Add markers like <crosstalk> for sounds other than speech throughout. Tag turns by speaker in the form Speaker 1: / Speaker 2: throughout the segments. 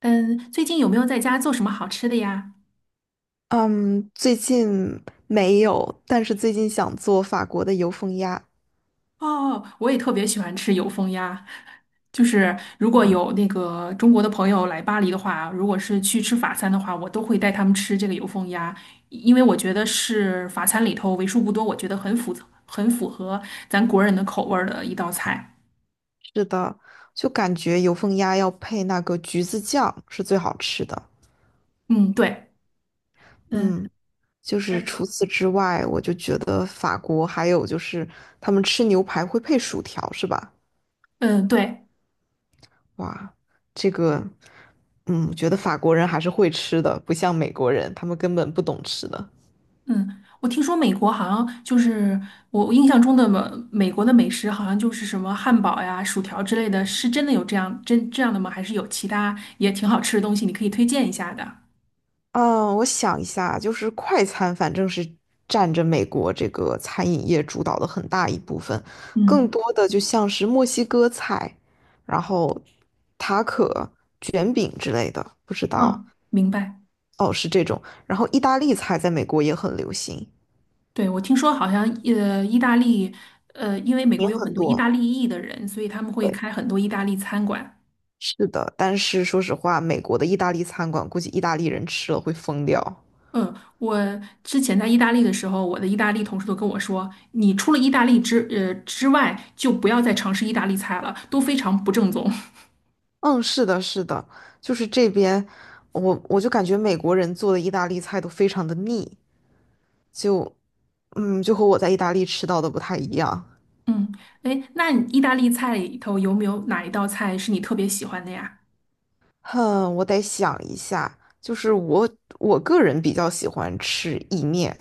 Speaker 1: 嗯，最近有没有在家做什么好吃的呀？
Speaker 2: 嗯，最近没有，但是最近想做法国的油封鸭
Speaker 1: 哦，我也特别喜欢吃油封鸭，就是如果
Speaker 2: 吗？
Speaker 1: 有那个中国的朋友来巴黎的话，如果是去吃法餐的话，我都会带他们吃这个油封鸭，因为我觉得是法餐里头为数不多，我觉得很符合咱国人的口味儿的一道菜。
Speaker 2: 是的，就感觉油封鸭要配那个橘子酱是最好吃的。
Speaker 1: 嗯，对，嗯
Speaker 2: 嗯，就是
Speaker 1: 嗯
Speaker 2: 除此之外，我就觉得法国还有就是他们吃牛排会配薯条，是吧？
Speaker 1: 嗯，对。
Speaker 2: 哇，这个，我觉得法国人还是会吃的，不像美国人，他们根本不懂吃的。
Speaker 1: 嗯，我听说美国好像就是我印象中的美国的美食，好像就是什么汉堡呀、薯条之类的，是真的有这样真这样的吗？还是有其他也挺好吃的东西，你可以推荐一下的？
Speaker 2: 嗯，我想一下，就是快餐反正是占着美国这个餐饮业主导的很大一部分，更
Speaker 1: 嗯，
Speaker 2: 多的就像是墨西哥菜，然后塔可、卷饼之类的，不知
Speaker 1: 啊，
Speaker 2: 道，
Speaker 1: 明白。
Speaker 2: 哦，是这种。然后意大利菜在美国也很流行，
Speaker 1: 对，我听说好像意大利因为美国
Speaker 2: 也
Speaker 1: 有很
Speaker 2: 很
Speaker 1: 多意
Speaker 2: 多。
Speaker 1: 大利裔的人，所以他们会
Speaker 2: 对。
Speaker 1: 开很多意大利餐馆。
Speaker 2: 是的，但是说实话，美国的意大利餐馆估计意大利人吃了会疯掉。
Speaker 1: 嗯，我之前在意大利的时候，我的意大利同事都跟我说，你除了意大利之外，就不要再尝试意大利菜了，都非常不正宗。
Speaker 2: 嗯，是的，是的，就是这边，我就感觉美国人做的意大利菜都非常的腻，就，就和我在意大利吃到的不太一样。
Speaker 1: 嗯，哎，那你意大利菜里头有没有哪一道菜是你特别喜欢的呀？
Speaker 2: 哼，我得想一下，就是我个人比较喜欢吃意面，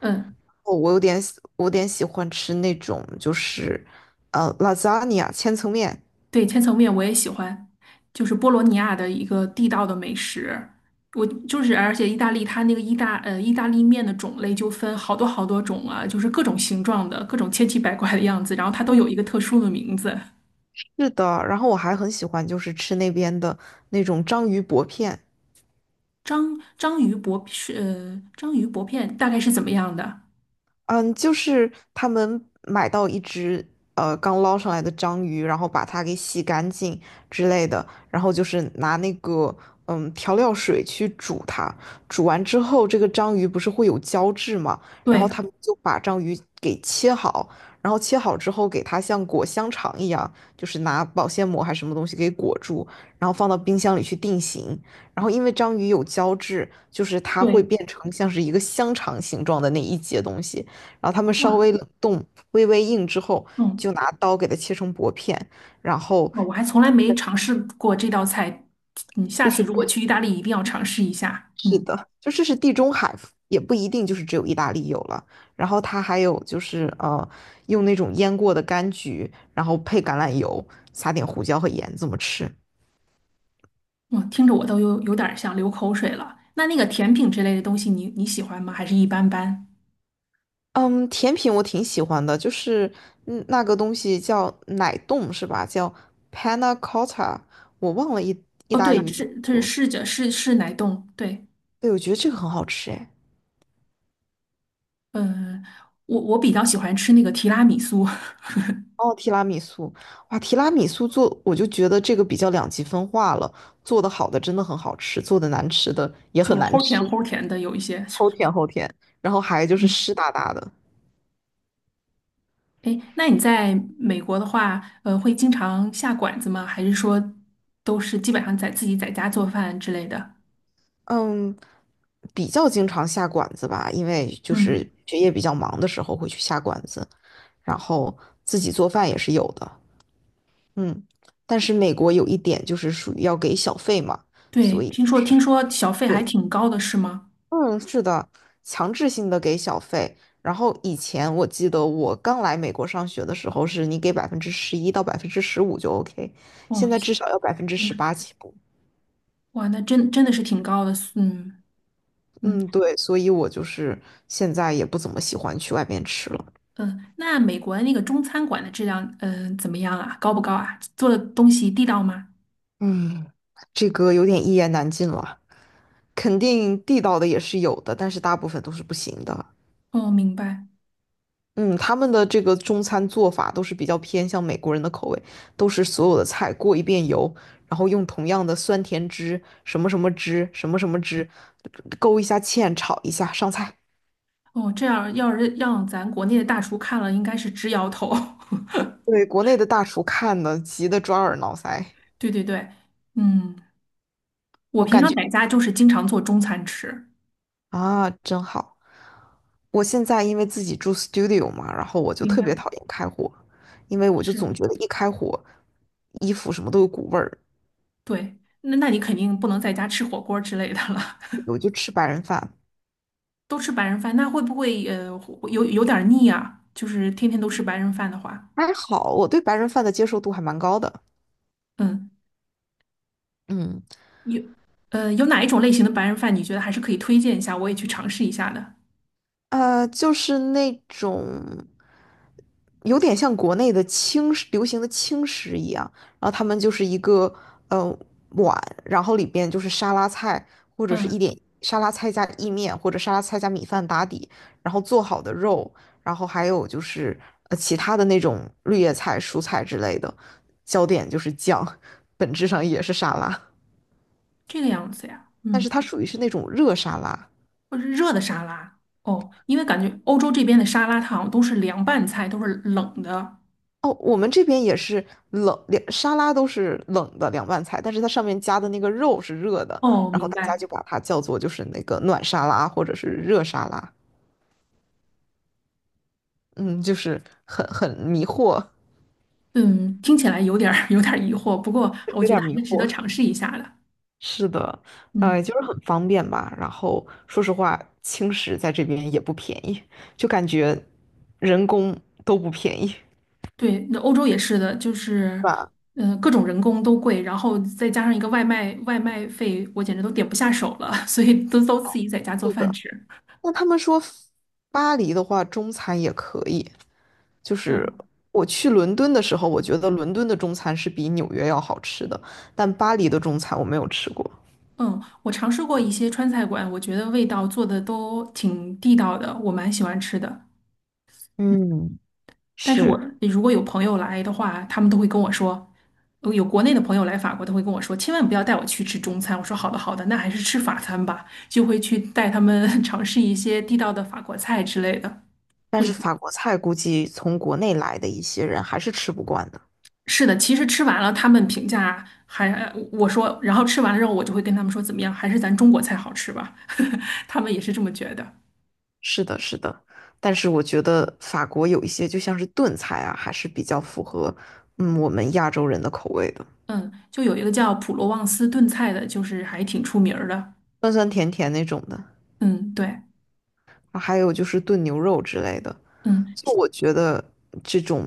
Speaker 1: 嗯，
Speaker 2: 哦，我有点喜欢吃那种就是，lasagna 千层面，
Speaker 1: 对，千层面我也喜欢，就是波罗尼亚的一个地道的美食。我就是，而且意大利它那个意大利面的种类就分好多好多种啊，就是各种形状的，各种千奇百怪的样子，然后它都有一个特殊的名字。
Speaker 2: 是的，然后我还很喜欢就是吃那边的那种章鱼薄片，
Speaker 1: 章鱼薄片大概是怎么样的？
Speaker 2: 嗯，就是他们买到一只刚捞上来的章鱼，然后把它给洗干净之类的，然后就是拿那个调料水去煮它，煮完之后这个章鱼不是会有胶质嘛，然后
Speaker 1: 对
Speaker 2: 他们就把章鱼给切好，然后切好之后给它像裹香肠一样，就是拿保鲜膜还是什么东西给裹住，然后放到冰箱里去定型，然后因为章鱼有胶质，就是它会
Speaker 1: 对，
Speaker 2: 变成像是一个香肠形状的那一节东西。然后他们稍
Speaker 1: 哇，
Speaker 2: 微冷冻、微微硬之后，
Speaker 1: 嗯。
Speaker 2: 就拿刀给它切成薄片，然后
Speaker 1: 哦我还从来没尝试过这道菜，你下
Speaker 2: 就
Speaker 1: 次
Speaker 2: 是跟
Speaker 1: 如果去意大利一定要尝试一下。
Speaker 2: 是
Speaker 1: 嗯，
Speaker 2: 的，就这是地中海，也不一定就是只有意大利有了。然后它还有就是用那种腌过的柑橘，然后配橄榄油，撒点胡椒和盐这么吃。
Speaker 1: 哇，听着我都有点儿想流口水了。那那个甜品之类的东西你，你喜欢吗？还是一般般？
Speaker 2: 嗯，甜品我挺喜欢的，就是那个东西叫奶冻是吧？叫 panna cotta，我忘了意意
Speaker 1: 哦，
Speaker 2: 大利
Speaker 1: 对，
Speaker 2: 语怎
Speaker 1: 是
Speaker 2: 么
Speaker 1: 它是
Speaker 2: 说。
Speaker 1: 是着是是奶冻，对，
Speaker 2: 对，我觉得这个很好吃哎。
Speaker 1: 嗯、我比较喜欢吃那个提拉米苏，
Speaker 2: 哦，提拉米苏，哇，提拉米苏做，我就觉得这个比较两极分化了。做的好的真的很好吃，做的难吃的
Speaker 1: <laughs>
Speaker 2: 也
Speaker 1: 就
Speaker 2: 很难
Speaker 1: 齁甜
Speaker 2: 吃，
Speaker 1: 齁甜的有一些。
Speaker 2: 齁甜齁甜，然后还就是
Speaker 1: 嗯，
Speaker 2: 湿哒哒的。
Speaker 1: 哎，那你在美国的话，会经常下馆子吗？还是说都是基本上在自己在家做饭之类的？
Speaker 2: 嗯，比较经常下馆子吧，因为就
Speaker 1: 嗯。
Speaker 2: 是学业比较忙的时候会去下馆子，然后自己做饭也是有的。嗯，但是美国有一点就是属于要给小费嘛，
Speaker 1: 对，
Speaker 2: 所以
Speaker 1: 听
Speaker 2: 就
Speaker 1: 说
Speaker 2: 是
Speaker 1: 听说小费还
Speaker 2: 贵。
Speaker 1: 挺高的，是吗？
Speaker 2: 嗯，是的，强制性的给小费。然后以前我记得我刚来美国上学的时候，是你给11%到15%就 OK，
Speaker 1: 哦，
Speaker 2: 现在至少要百分之十
Speaker 1: 嗯
Speaker 2: 八起步。
Speaker 1: 哇，那真真的是挺高的，嗯嗯
Speaker 2: 嗯，对，所以我就是现在也不怎么喜欢去外面吃了。
Speaker 1: 嗯。那美国那个中餐馆的质量，嗯、怎么样啊？高不高啊？做的东西地道吗？
Speaker 2: 嗯，这个有点一言难尽了，肯定地道的也是有的，但是大部分都是不行的。
Speaker 1: 哦，明白。
Speaker 2: 嗯，他们的这个中餐做法都是比较偏向美国人的口味，都是所有的菜过一遍油，然后用同样的酸甜汁、什么什么汁、什么什么汁，勾一下芡，炒一下，上菜。
Speaker 1: 哦，这样要是让咱国内的大厨看了，应该是直摇头。<laughs>
Speaker 2: 对，国内的大厨看的急得抓耳挠腮，
Speaker 1: 对对对，嗯，我
Speaker 2: 我
Speaker 1: 平
Speaker 2: 感
Speaker 1: 常
Speaker 2: 觉
Speaker 1: 在家就是经常做中餐吃，
Speaker 2: 啊，真好。我现在因为自己住 studio 嘛，然后我就
Speaker 1: 明
Speaker 2: 特别
Speaker 1: 白，
Speaker 2: 讨厌开火，因为我就
Speaker 1: 是，
Speaker 2: 总觉得一开火，衣服什么都有股味儿，
Speaker 1: 对。那那你肯定不能在家吃火锅之类的了。
Speaker 2: 我就吃白人饭。
Speaker 1: 都吃白人饭，那会不会有点儿腻啊？就是天天都吃白人饭的话，
Speaker 2: 还好，我对白人饭的接受度还蛮高的。
Speaker 1: 嗯，
Speaker 2: 嗯，
Speaker 1: 有有哪一种类型的白人饭你觉得还是可以推荐一下，我也去尝试一下的？
Speaker 2: 就是那种有点像国内的轻食，流行的轻食一样，然后他们就是一个呃碗，然后里边就是沙拉菜或者是一
Speaker 1: 嗯，
Speaker 2: 点沙拉菜加意面或者沙拉菜加米饭打底，然后做好的肉，然后还有就是其他的那种绿叶菜、蔬菜之类的，焦点就是酱，<laughs> 本质上也是沙拉，
Speaker 1: 这个样子呀，
Speaker 2: 但
Speaker 1: 嗯，
Speaker 2: 是它属于是那种热沙拉。
Speaker 1: 或者是热的沙拉哦，因为感觉欧洲这边的沙拉它好像都是凉拌菜，都是冷的。
Speaker 2: 哦，我们这边也是冷，连沙拉都是冷的凉拌菜，但是它上面加的那个肉是热的，
Speaker 1: 哦，
Speaker 2: 然后
Speaker 1: 明
Speaker 2: 大家
Speaker 1: 白。
Speaker 2: 就把它叫做就是那个暖沙拉或者是热沙拉，嗯，就是很迷惑，
Speaker 1: 嗯，听起来有点儿 <laughs> 有点儿疑惑，不过我
Speaker 2: 有
Speaker 1: 觉
Speaker 2: 点
Speaker 1: 得还
Speaker 2: 迷
Speaker 1: 是值得
Speaker 2: 惑。
Speaker 1: 尝试一下的。
Speaker 2: 是的，
Speaker 1: 嗯。
Speaker 2: 就是很方便吧。然后说实话，轻食在这边也不便宜，就感觉人工都不便宜，是
Speaker 1: 对，那欧洲也是的，就是，
Speaker 2: 吧？
Speaker 1: 嗯、各种人工都贵，然后再加上一个外卖，外卖费我简直都点不下手了，<laughs> 所以都自己在家做饭吃。
Speaker 2: 那他们说巴黎的话，中餐也可以。就是
Speaker 1: 嗯
Speaker 2: 我去伦敦的时候，我觉得伦敦的中餐是比纽约要好吃的，但巴黎的中餐我没有吃过。
Speaker 1: 嗯，我尝试过一些川菜馆，我觉得味道做的都挺地道的，我蛮喜欢吃的。
Speaker 2: 嗯，
Speaker 1: 但是我
Speaker 2: 是，
Speaker 1: 如果有朋友来的话，他们都会跟我说，有国内的朋友来法国，他会跟我说，千万不要带我去吃中餐。我说好的好的，那还是吃法餐吧，就会去带他们 <laughs> 尝试一些地道的法国菜之类的。
Speaker 2: 但
Speaker 1: 会。
Speaker 2: 是法国菜估计从国内来的一些人还是吃不惯的。
Speaker 1: 是的，其实吃完了，他们评价还，我说，然后吃完了之后，我就会跟他们说怎么样，还是咱中国菜好吃吧，<laughs> 他们也是这么觉得。
Speaker 2: 是的，是的，但是我觉得法国有一些就像是炖菜啊，还是比较符合我们亚洲人的口味的，
Speaker 1: 嗯，就有一个叫普罗旺斯炖菜的，就是还挺出名儿的。
Speaker 2: 酸酸甜甜那种的。
Speaker 1: 嗯，对，
Speaker 2: 还有就是炖牛肉之类的。
Speaker 1: 嗯，
Speaker 2: 就我觉得这种，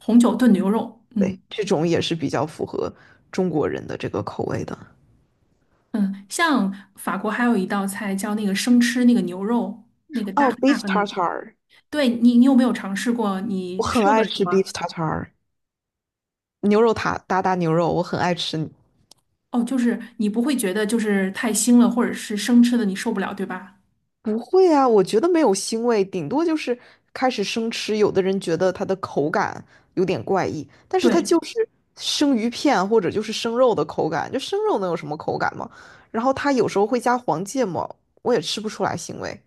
Speaker 1: 红酒炖牛肉，
Speaker 2: 对，
Speaker 1: 嗯
Speaker 2: 这种也是比较符合中国人的这个口味的。
Speaker 1: 嗯，像法国还有一道菜叫那个生吃那个牛肉，那个大
Speaker 2: 哦
Speaker 1: 大
Speaker 2: ，beef
Speaker 1: 和那个，
Speaker 2: tartar，
Speaker 1: 对你，你有没有尝试过？
Speaker 2: 我
Speaker 1: 你
Speaker 2: 很
Speaker 1: 受
Speaker 2: 爱
Speaker 1: 得了
Speaker 2: 吃
Speaker 1: 吗？
Speaker 2: beef tartar，牛肉塔达牛肉，我很爱吃。
Speaker 1: 哦，就是你不会觉得就是太腥了，或者是生吃的你受不了，对吧？
Speaker 2: 不会啊，我觉得没有腥味，顶多就是开始生吃。有的人觉得它的口感有点怪异，但是它
Speaker 1: 对。
Speaker 2: 就是生鱼片或者就是生肉的口感，就生肉能有什么口感吗？然后它有时候会加黄芥末，我也吃不出来腥味。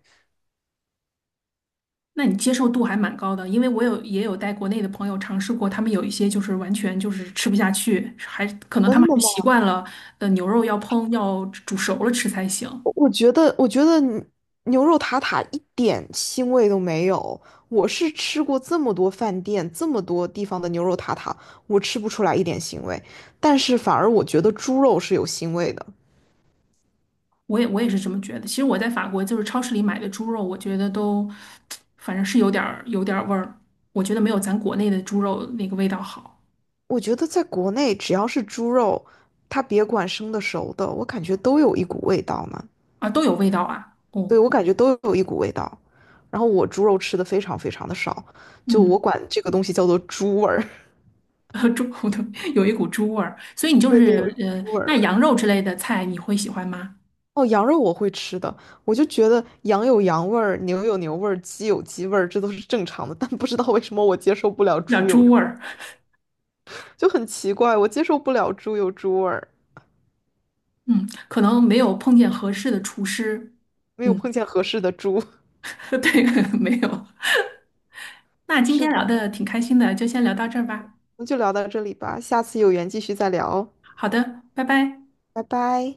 Speaker 1: 那你接受度还蛮高的，因为我有也有带国内的朋友尝试过，他们有一些就是完全就是吃不下去，还可能他
Speaker 2: 真
Speaker 1: 们还
Speaker 2: 的
Speaker 1: 是
Speaker 2: 吗？
Speaker 1: 习惯了，牛肉要煮熟了吃才行。
Speaker 2: 我觉得牛肉塔塔一点腥味都没有。我是吃过这么多饭店、这么多地方的牛肉塔塔，我吃不出来一点腥味。但是反而我觉得猪肉是有腥味的。
Speaker 1: 我也是这么觉得。其实我在法国就是超市里买的猪肉，我觉得都反正是有点儿味儿，我觉得没有咱国内的猪肉那个味道好
Speaker 2: 我觉得在国内，只要是猪肉，它别管生的熟的，我感觉都有一股味道呢。
Speaker 1: 啊，都有味道啊。哦，
Speaker 2: 对，我感觉都有一股味道。然后我猪肉吃的非常非常的少，就我
Speaker 1: 嗯，
Speaker 2: 管这个东西叫做猪味儿。
Speaker 1: <laughs> 猪骨头有一股猪味儿，所以你
Speaker 2: <laughs>
Speaker 1: 就
Speaker 2: 对，
Speaker 1: 是
Speaker 2: 有一股猪味
Speaker 1: 那
Speaker 2: 儿。
Speaker 1: 羊肉之类的菜你会喜欢吗？
Speaker 2: 哦，羊肉我会吃的，我就觉得羊有羊味儿，牛有牛味儿，鸡有鸡味儿，这都是正常的。但不知道为什么我接受不了
Speaker 1: 有点儿
Speaker 2: 猪有，
Speaker 1: 猪味儿。
Speaker 2: 就很奇怪，我接受不了猪有猪味儿，
Speaker 1: 嗯，可能没有碰见合适的厨师。
Speaker 2: 没有
Speaker 1: 嗯，
Speaker 2: 碰见合适的猪。<laughs>
Speaker 1: <laughs> 对，没有。<laughs> 那今
Speaker 2: 是
Speaker 1: 天聊
Speaker 2: 的，
Speaker 1: 的挺开心的，就先聊到这儿吧。
Speaker 2: 那就聊到这里吧，下次有缘继续再聊，
Speaker 1: 好的，拜拜。
Speaker 2: 拜拜。